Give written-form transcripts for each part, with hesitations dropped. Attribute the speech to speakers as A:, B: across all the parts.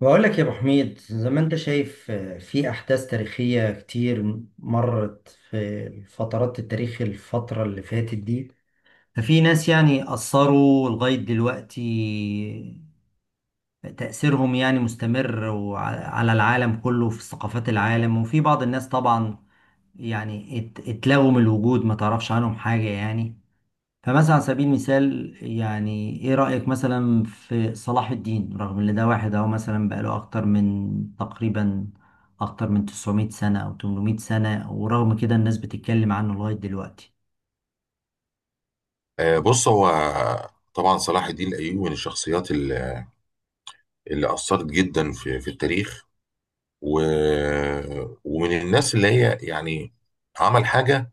A: بقول لك يا ابو حميد، زي ما انت شايف، في احداث تاريخيه كتير مرت في فترات التاريخ، الفتره اللي فاتت دي. ففي ناس يعني اثروا لغايه دلوقتي، تاثيرهم يعني مستمر على العالم كله، في ثقافات العالم، وفي بعض الناس طبعا يعني اتلغوا من الوجود، ما تعرفش عنهم حاجه يعني. فمثلا على سبيل المثال، يعني ايه رأيك مثلا في صلاح الدين؟ رغم ان ده واحد اهو مثلا بقاله اكتر من 900 سنة او 800 سنة، ورغم كده الناس بتتكلم عنه لغاية دلوقتي.
B: بص هو طبعا صلاح الدين الايوبي من الشخصيات اللي اثرت جدا في التاريخ. و... ومن الناس اللي هي يعني عمل حاجه.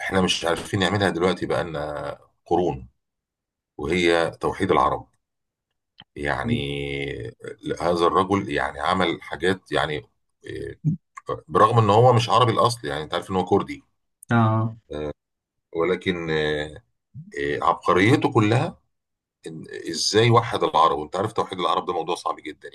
B: احنا مش عارفين نعملها دلوقتي، بقالنا قرون، وهي توحيد العرب. يعني هذا الرجل يعني عمل حاجات يعني آه، برغم ان هو مش عربي الاصل، يعني انت عارف ان هو كردي.
A: اه،
B: ولكن عبقريته كلها ازاي وحد العرب. وانت عارف توحيد العرب ده موضوع صعب جدا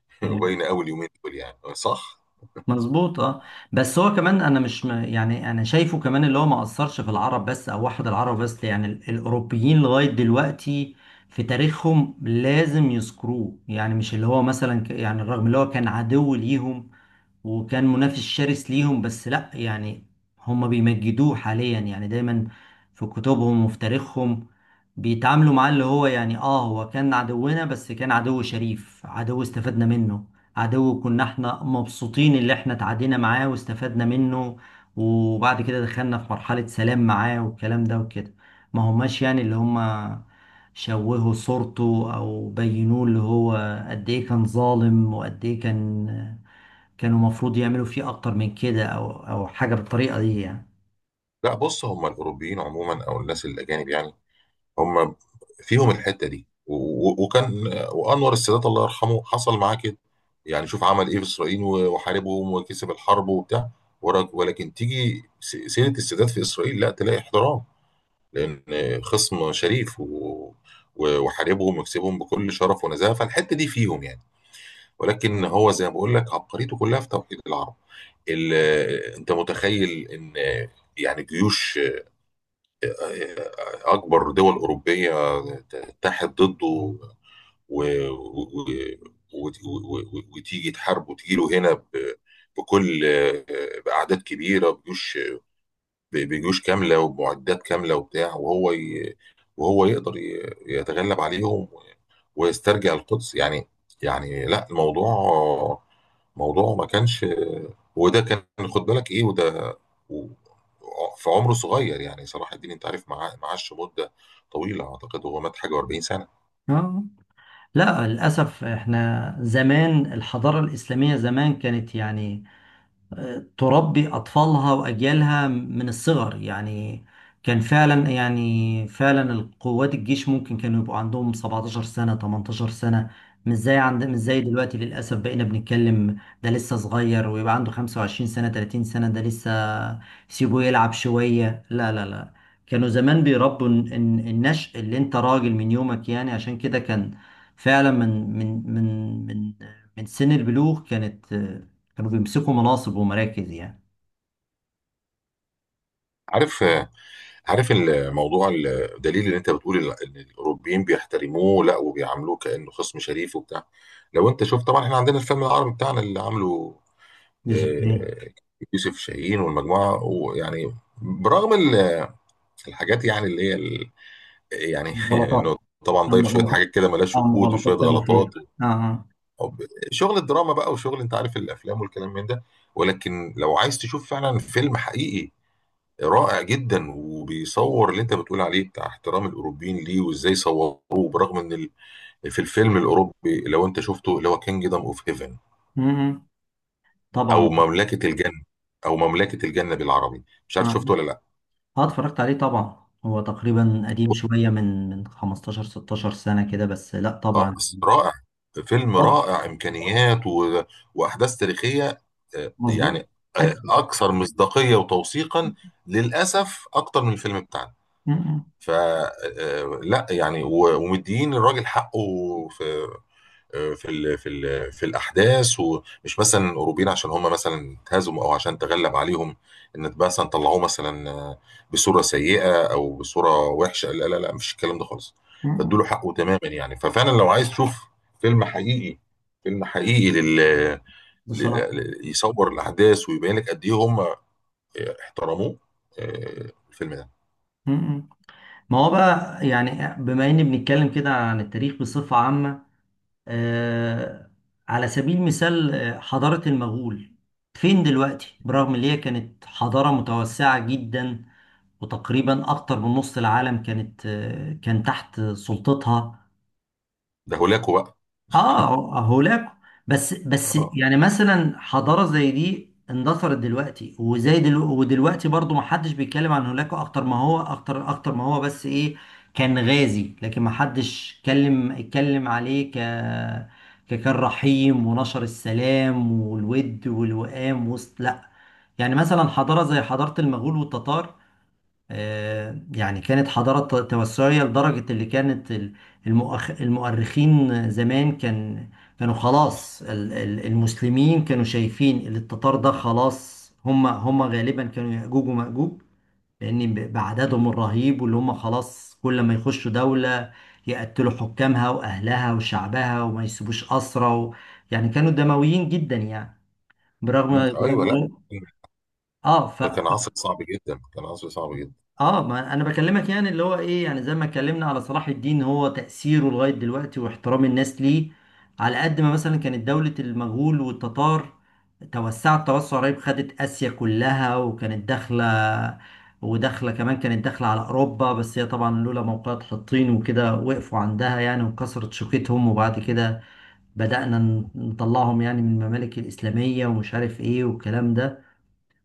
B: يعني،
A: يعني
B: باينه قوي اليومين دول يعني. صح.
A: مظبوط. اه. بس هو كمان، انا مش يعني انا شايفه كمان اللي هو ما اثرش في العرب بس، او واحد العرب بس، يعني الاوروبيين لغايه دلوقتي في تاريخهم لازم يذكروه، يعني مش اللي هو مثلا يعني رغم اللي هو كان عدو ليهم، وكان منافس شرس ليهم، بس لا يعني هم بيمجدوه حاليا، يعني دايما في كتبهم وفي تاريخهم بيتعاملوا معاه اللي هو يعني هو كان عدونا، بس كان عدو شريف، عدو استفدنا منه، عدو كنا احنا مبسوطين اللي احنا تعادينا معاه واستفدنا منه، وبعد كده دخلنا في مرحلة سلام معاه والكلام ده وكده. ما هماش يعني اللي هم شوهوا صورته او بينوه اللي هو قد ايه كان ظالم وقد ايه كان، كانوا المفروض يعملوا فيه اكتر من كده، او حاجه بالطريقه دي يعني.
B: لا، بص هم الاوروبيين عموما او الناس الاجانب يعني. هم فيهم الحته دي و- و- وكان وانور السادات الله يرحمه حصل معاه كده. يعني شوف عمل ايه في اسرائيل وحاربهم وكسب الحرب وبتاع. ولكن تيجي سيره السادات في اسرائيل لا تلاقي احترام، لان خصم شريف وحاربهم وكسبهم بكل شرف ونزاهه، فالحته دي فيهم يعني. ولكن هو زي ما بقول لك عبقريته كلها في توحيد العرب. انت متخيل ان يعني جيوش، اكبر دول اوروبيه تتحد ضده و- وتيجي تحاربه وتجي له هنا بكل، باعداد كبيره بجيوش، بجيوش كاملة ومعدات كاملة وبتاع. وهو يقدر يتغلب عليهم ويسترجع القدس يعني. يعني لا، موضوع ما كانش. وده كان، خد بالك ايه؟ و... في عمره صغير يعني. صلاح الدين انت عارف معاه معاش مدة طويلة، اعتقد هو مات حاجة و40 سنة.
A: اه، لا للاسف احنا زمان الحضاره الاسلاميه زمان كانت يعني تربي أطفالها وأجيالها من الصغر، يعني كان فعلا، يعني فعلا القوات، الجيش ممكن كانوا يبقوا عندهم 17 سنة، 18 سنة، مش زي دلوقتي للأسف. بقينا بنتكلم ده لسه صغير، ويبقى عنده 25 سنة، 30 سنة ده لسه، سيبه يلعب شوية، لا لا لا. كانوا زمان بيربوا النشء، اللي انت راجل من يومك يعني، عشان كده كان فعلا من سن البلوغ كانوا بيمسكوا مناصب ومراكز يعني.
B: عارف عارف الموضوع. الدليل اللي انت بتقول ان الاوروبيين بيحترموه، لا، وبيعاملوه كانه خصم شريف وبتاع. لو انت شفت، طبعا احنا عندنا الفيلم العربي بتاعنا اللي عامله
A: مش إيه.
B: آه، يوسف شاهين والمجموعه، ويعني برغم الحاجات يعني اللي هي يعني
A: غلطات.
B: انه طبعا
A: عم
B: ضايف شويه
A: غلطات،
B: حاجات كده ملهاش
A: عم
B: وجود
A: غلطات
B: وشويه
A: تاريخية.
B: غلطات
A: اه، اه.
B: أو شغل الدراما بقى وشغل، انت عارف الافلام والكلام من ده. ولكن لو عايز تشوف فعلا فيلم حقيقي رائع جدا، وبيصور اللي انت بتقول عليه بتاع احترام الاوروبيين ليه وازاي صوروه، برغم ان في الفيلم الاوروبي، لو انت شفته، اللي هو كينجدم اوف هيفن،
A: مم. طبعا.
B: او مملكه الجنه او مملكه الجنه بالعربي، مش عارف شفته
A: اه.
B: ولا لا.
A: آه، اتفرجت عليه طبعا، هو تقريبا قديم شوية، من 15 16 سنة كده، بس لا
B: اه،
A: طبعا.
B: بس رائع، فيلم
A: طب،
B: رائع، امكانيات واحداث تاريخيه، آه،
A: مظبوط.
B: يعني
A: اكيد.
B: اكثر مصداقيه وتوثيقا، للاسف اكتر من الفيلم بتاعنا.
A: مم.
B: فلا يعني، ومديين الراجل حقه في آه، في ال في ال في الاحداث. ومش مثلا الاوروبيين عشان هم مثلا اتهزموا او عشان تغلب عليهم، ان مثلا طلعوه مثلا بصوره سيئه او بصوره وحشه. لا لا لا، مش الكلام ده خالص.
A: مم.
B: فادوا له حقه تماما يعني. ففعلا، لو عايز تشوف فيلم حقيقي، فيلم حقيقي لل...
A: بصراحة.
B: يصور الاحداث ويبين لك قد ايه هم احترموه. الفيلم ده.
A: مم. ما هو بقى يعني، بما اني بنتكلم كده عن التاريخ بصفة عامة، آه، على سبيل المثال، حضارة المغول فين دلوقتي؟ برغم ان هي كانت حضارة متوسعة جدا، وتقريبا اكتر من نص العالم كان تحت سلطتها.
B: ده هولاكو بقى.
A: اه، هولاكو. بس
B: اه.
A: يعني مثلا حضاره زي دي اندثرت دلوقتي، وزي دلو ودلوقتي برضو ما حدش بيتكلم عن هولاكو، اكتر ما هو اكتر ما هو، بس ايه، كان غازي، لكن ما حدش اتكلم عليه ككان رحيم ونشر السلام والود والوئام وسط، لا. يعني مثلا حضاره زي حضاره المغول والتتار، يعني كانت حضارة توسعية لدرجة اللي كانت المؤرخين زمان كانوا خلاص، المسلمين كانوا شايفين ان التتار ده خلاص، هم غالبا كانوا يأجوج ومأجوج، لأن بعددهم الرهيب، واللي هم خلاص كل ما يخشوا دولة يقتلوا حكامها وأهلها وشعبها، وما يسيبوش أسرى. و... يعني كانوا دمويين جدا يعني،
B: مم.
A: برغم
B: ايوه.
A: برغم
B: لا،
A: اه،
B: ده كان عصر صعب جدا، كان عصر صعب جدا.
A: اه. ما انا بكلمك يعني اللي هو ايه، يعني زي ما اتكلمنا على صلاح الدين، هو تأثيره لغاية دلوقتي واحترام الناس ليه، على قد ما مثلا كانت دولة المغول والتتار توسعت توسع رهيب، خدت آسيا كلها، وكانت داخلة، وداخلة كمان، كانت داخلة على أوروبا، بس هي طبعا لولا موقعة حطين وكده وقفوا عندها يعني، وكسرت شوكتهم، وبعد كده بدأنا نطلعهم يعني من الممالك الإسلامية، ومش عارف ايه والكلام ده.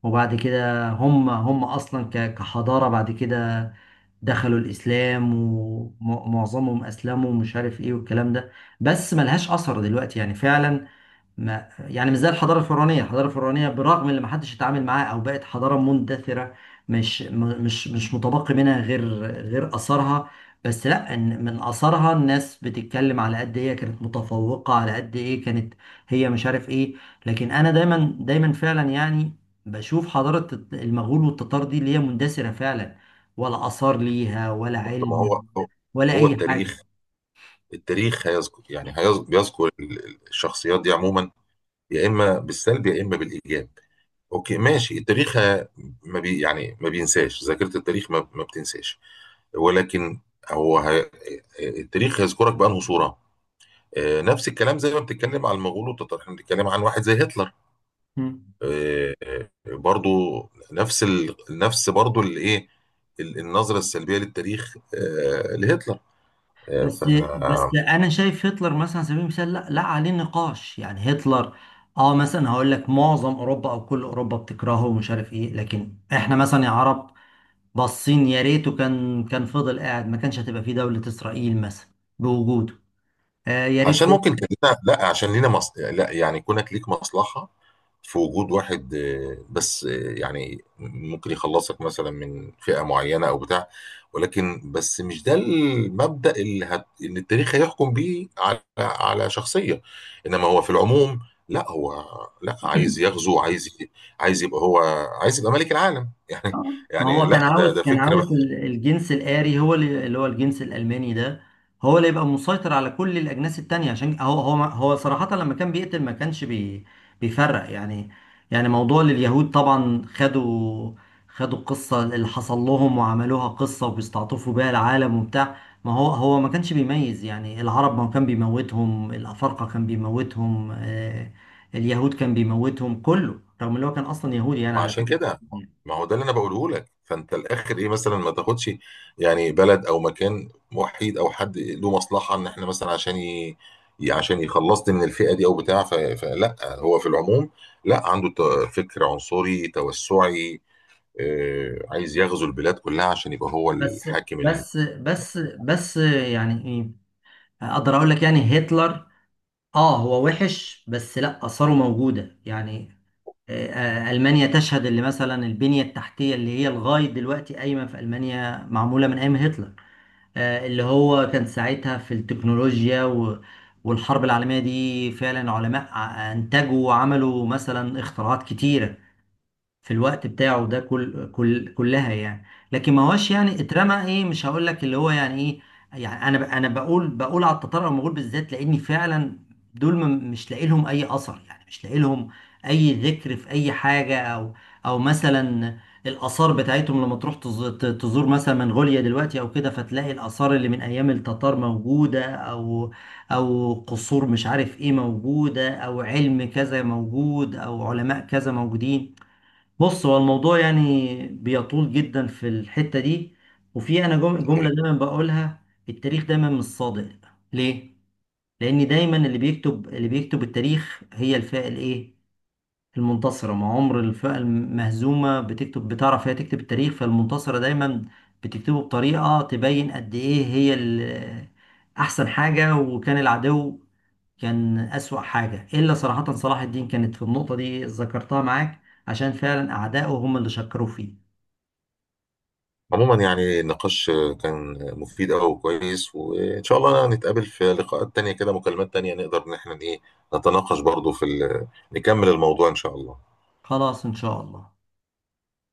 A: وبعد كده هم، أصلا كحضارة، بعد كده دخلوا الإسلام، ومعظمهم أسلموا، ومش عارف إيه والكلام ده. بس ملهاش أثر دلوقتي يعني فعلا. ما يعني مش زي الحضاره الفرعونيه. الحضاره الفرعونيه برغم ان ما حدش اتعامل معاها او بقت حضاره مندثره، مش مش متبقي منها غير، غير اثارها، بس لا إن من اثارها الناس بتتكلم على قد ايه كانت متفوقه، على قد ايه كانت هي، مش عارف ايه. لكن انا دايما دايما فعلا يعني بشوف حضاره المغول والتتار دي اللي هي مندثره فعلا، ولا اثار ليها، ولا
B: طب ما هو
A: علم،
B: هو
A: ولا
B: هو
A: اي حاجه.
B: التاريخ. التاريخ هيذكر يعني، بيذكر الشخصيات دي عموما، يا اما بالسلب يا اما بالايجاب. اوكي ماشي، التاريخ ما بي يعني ما بينساش. ذاكره التاريخ ما بتنساش. ولكن هو التاريخ هيذكرك بانه صوره. نفس الكلام زي ما بتتكلم عن المغول والتتار، احنا بنتكلم عن واحد زي هتلر. برضو نفس برضو الايه، النظره السلبيه للتاريخ لهتلر. آه،
A: بس
B: ف
A: بس انا شايف هتلر مثلا، على سبيل المثال، لا لا عليه نقاش يعني. هتلر، اه مثلا هقول لك، معظم اوروبا او كل اوروبا بتكرهه، ومش عارف ايه، لكن احنا مثلا يا عرب باصين يا ريته كان فضل قاعد، ما كانش هتبقى فيه دولة اسرائيل مثلا بوجوده. آه، يا ريت.
B: عشان ممكن كان لنا. لا، عشان لينا لا يعني كونك ليك مصلحة في وجود واحد، بس، يعني ممكن يخلصك مثلا من فئة معينة او بتاع. ولكن بس مش ده المبدأ اللي التاريخ هيحكم بيه على شخصية. انما هو في العموم، لا هو لا عايز يغزو. عايز يبقى هو. عايز يبقى ملك العالم يعني.
A: اه، ما
B: يعني
A: هو كان
B: لا،
A: عاوز،
B: ده فكرة.
A: الجنس الآري، هو اللي، هو الجنس الألماني ده، هو اللي يبقى مسيطر على كل الأجناس التانية، عشان هو، صراحة لما كان بيقتل ما كانش بيفرق يعني. يعني موضوع لليهود طبعا، خدوا القصة اللي حصل لهم وعملوها قصة، وبيستعطفوا بيها العالم وبتاع. ما هو هو ما كانش بيميز يعني، العرب ما كان بيموتهم، الأفارقة كان بيموتهم، اليهود كان بيموتهم، كله، رغم اللي هو كان أصلا يهودي يعني،
B: ما
A: على
B: عشان
A: فكرة.
B: كده، ما هو ده اللي انا بقوله لك. فانت الاخر ايه؟ مثلا ما تاخدش يعني بلد او مكان وحيد او حد له مصلحه ان احنا مثلا، عشان عشان يخلصني من الفئه دي او بتاع، فلا هو في العموم لا، عنده فكر عنصري توسعي، عايز يغزو البلاد كلها عشان يبقى هو
A: بس
B: الحاكم.
A: بس يعني ايه، اقدر اقول لك يعني هتلر، اه هو وحش، بس لا اثاره موجوده يعني، آه، المانيا تشهد، اللي مثلا البنيه التحتيه اللي هي لغايه دلوقتي قايمه في المانيا معموله من ايام هتلر. اللي هو كان ساعتها في التكنولوجيا والحرب العالميه دي، فعلا علماء انتجوا وعملوا مثلا اختراعات كتيره في الوقت بتاعه ده، كل كل كلها يعني. لكن ما هوش يعني اترمى ايه، مش هقول لك اللي هو يعني ايه، يعني انا انا بقول على التتار او المغول بالذات، لاني فعلا دول مش لاقي لهم اي اثر، يعني مش لاقي لهم اي ذكر في اي حاجه، او مثلا الاثار بتاعتهم لما تروح تزور مثلا منغوليا دلوقتي او كده، فتلاقي الاثار اللي من ايام التتار موجوده، او قصور مش عارف ايه موجوده، او علم كذا موجود، او علماء كذا موجودين. بص هو الموضوع يعني بيطول جدا في الحتة دي، وفي أنا جملة
B: الصحيح.
A: دايما بقولها: التاريخ دايما مش صادق. ليه؟ لأن دايما اللي بيكتب التاريخ هي الفئة الإيه؟ المنتصرة. ما عمر الفئة المهزومة بتكتب، بتعرف هي تكتب التاريخ، فالمنتصرة دايما بتكتبه بطريقة تبين قد إيه هي أحسن حاجة، وكان العدو كان أسوأ حاجة، إلا صراحة صلاح الدين كانت في النقطة دي ذكرتها معاك، عشان فعلا أعدائه هم اللي شكروا فيه.
B: عموما يعني النقاش كان مفيد أوي وكويس، وإن شاء الله نتقابل في لقاءات تانية كده، مكالمات تانية نقدر إن احنا إيه نتناقش برضو في نكمل الموضوع إن شاء الله.
A: خلاص، إن شاء الله.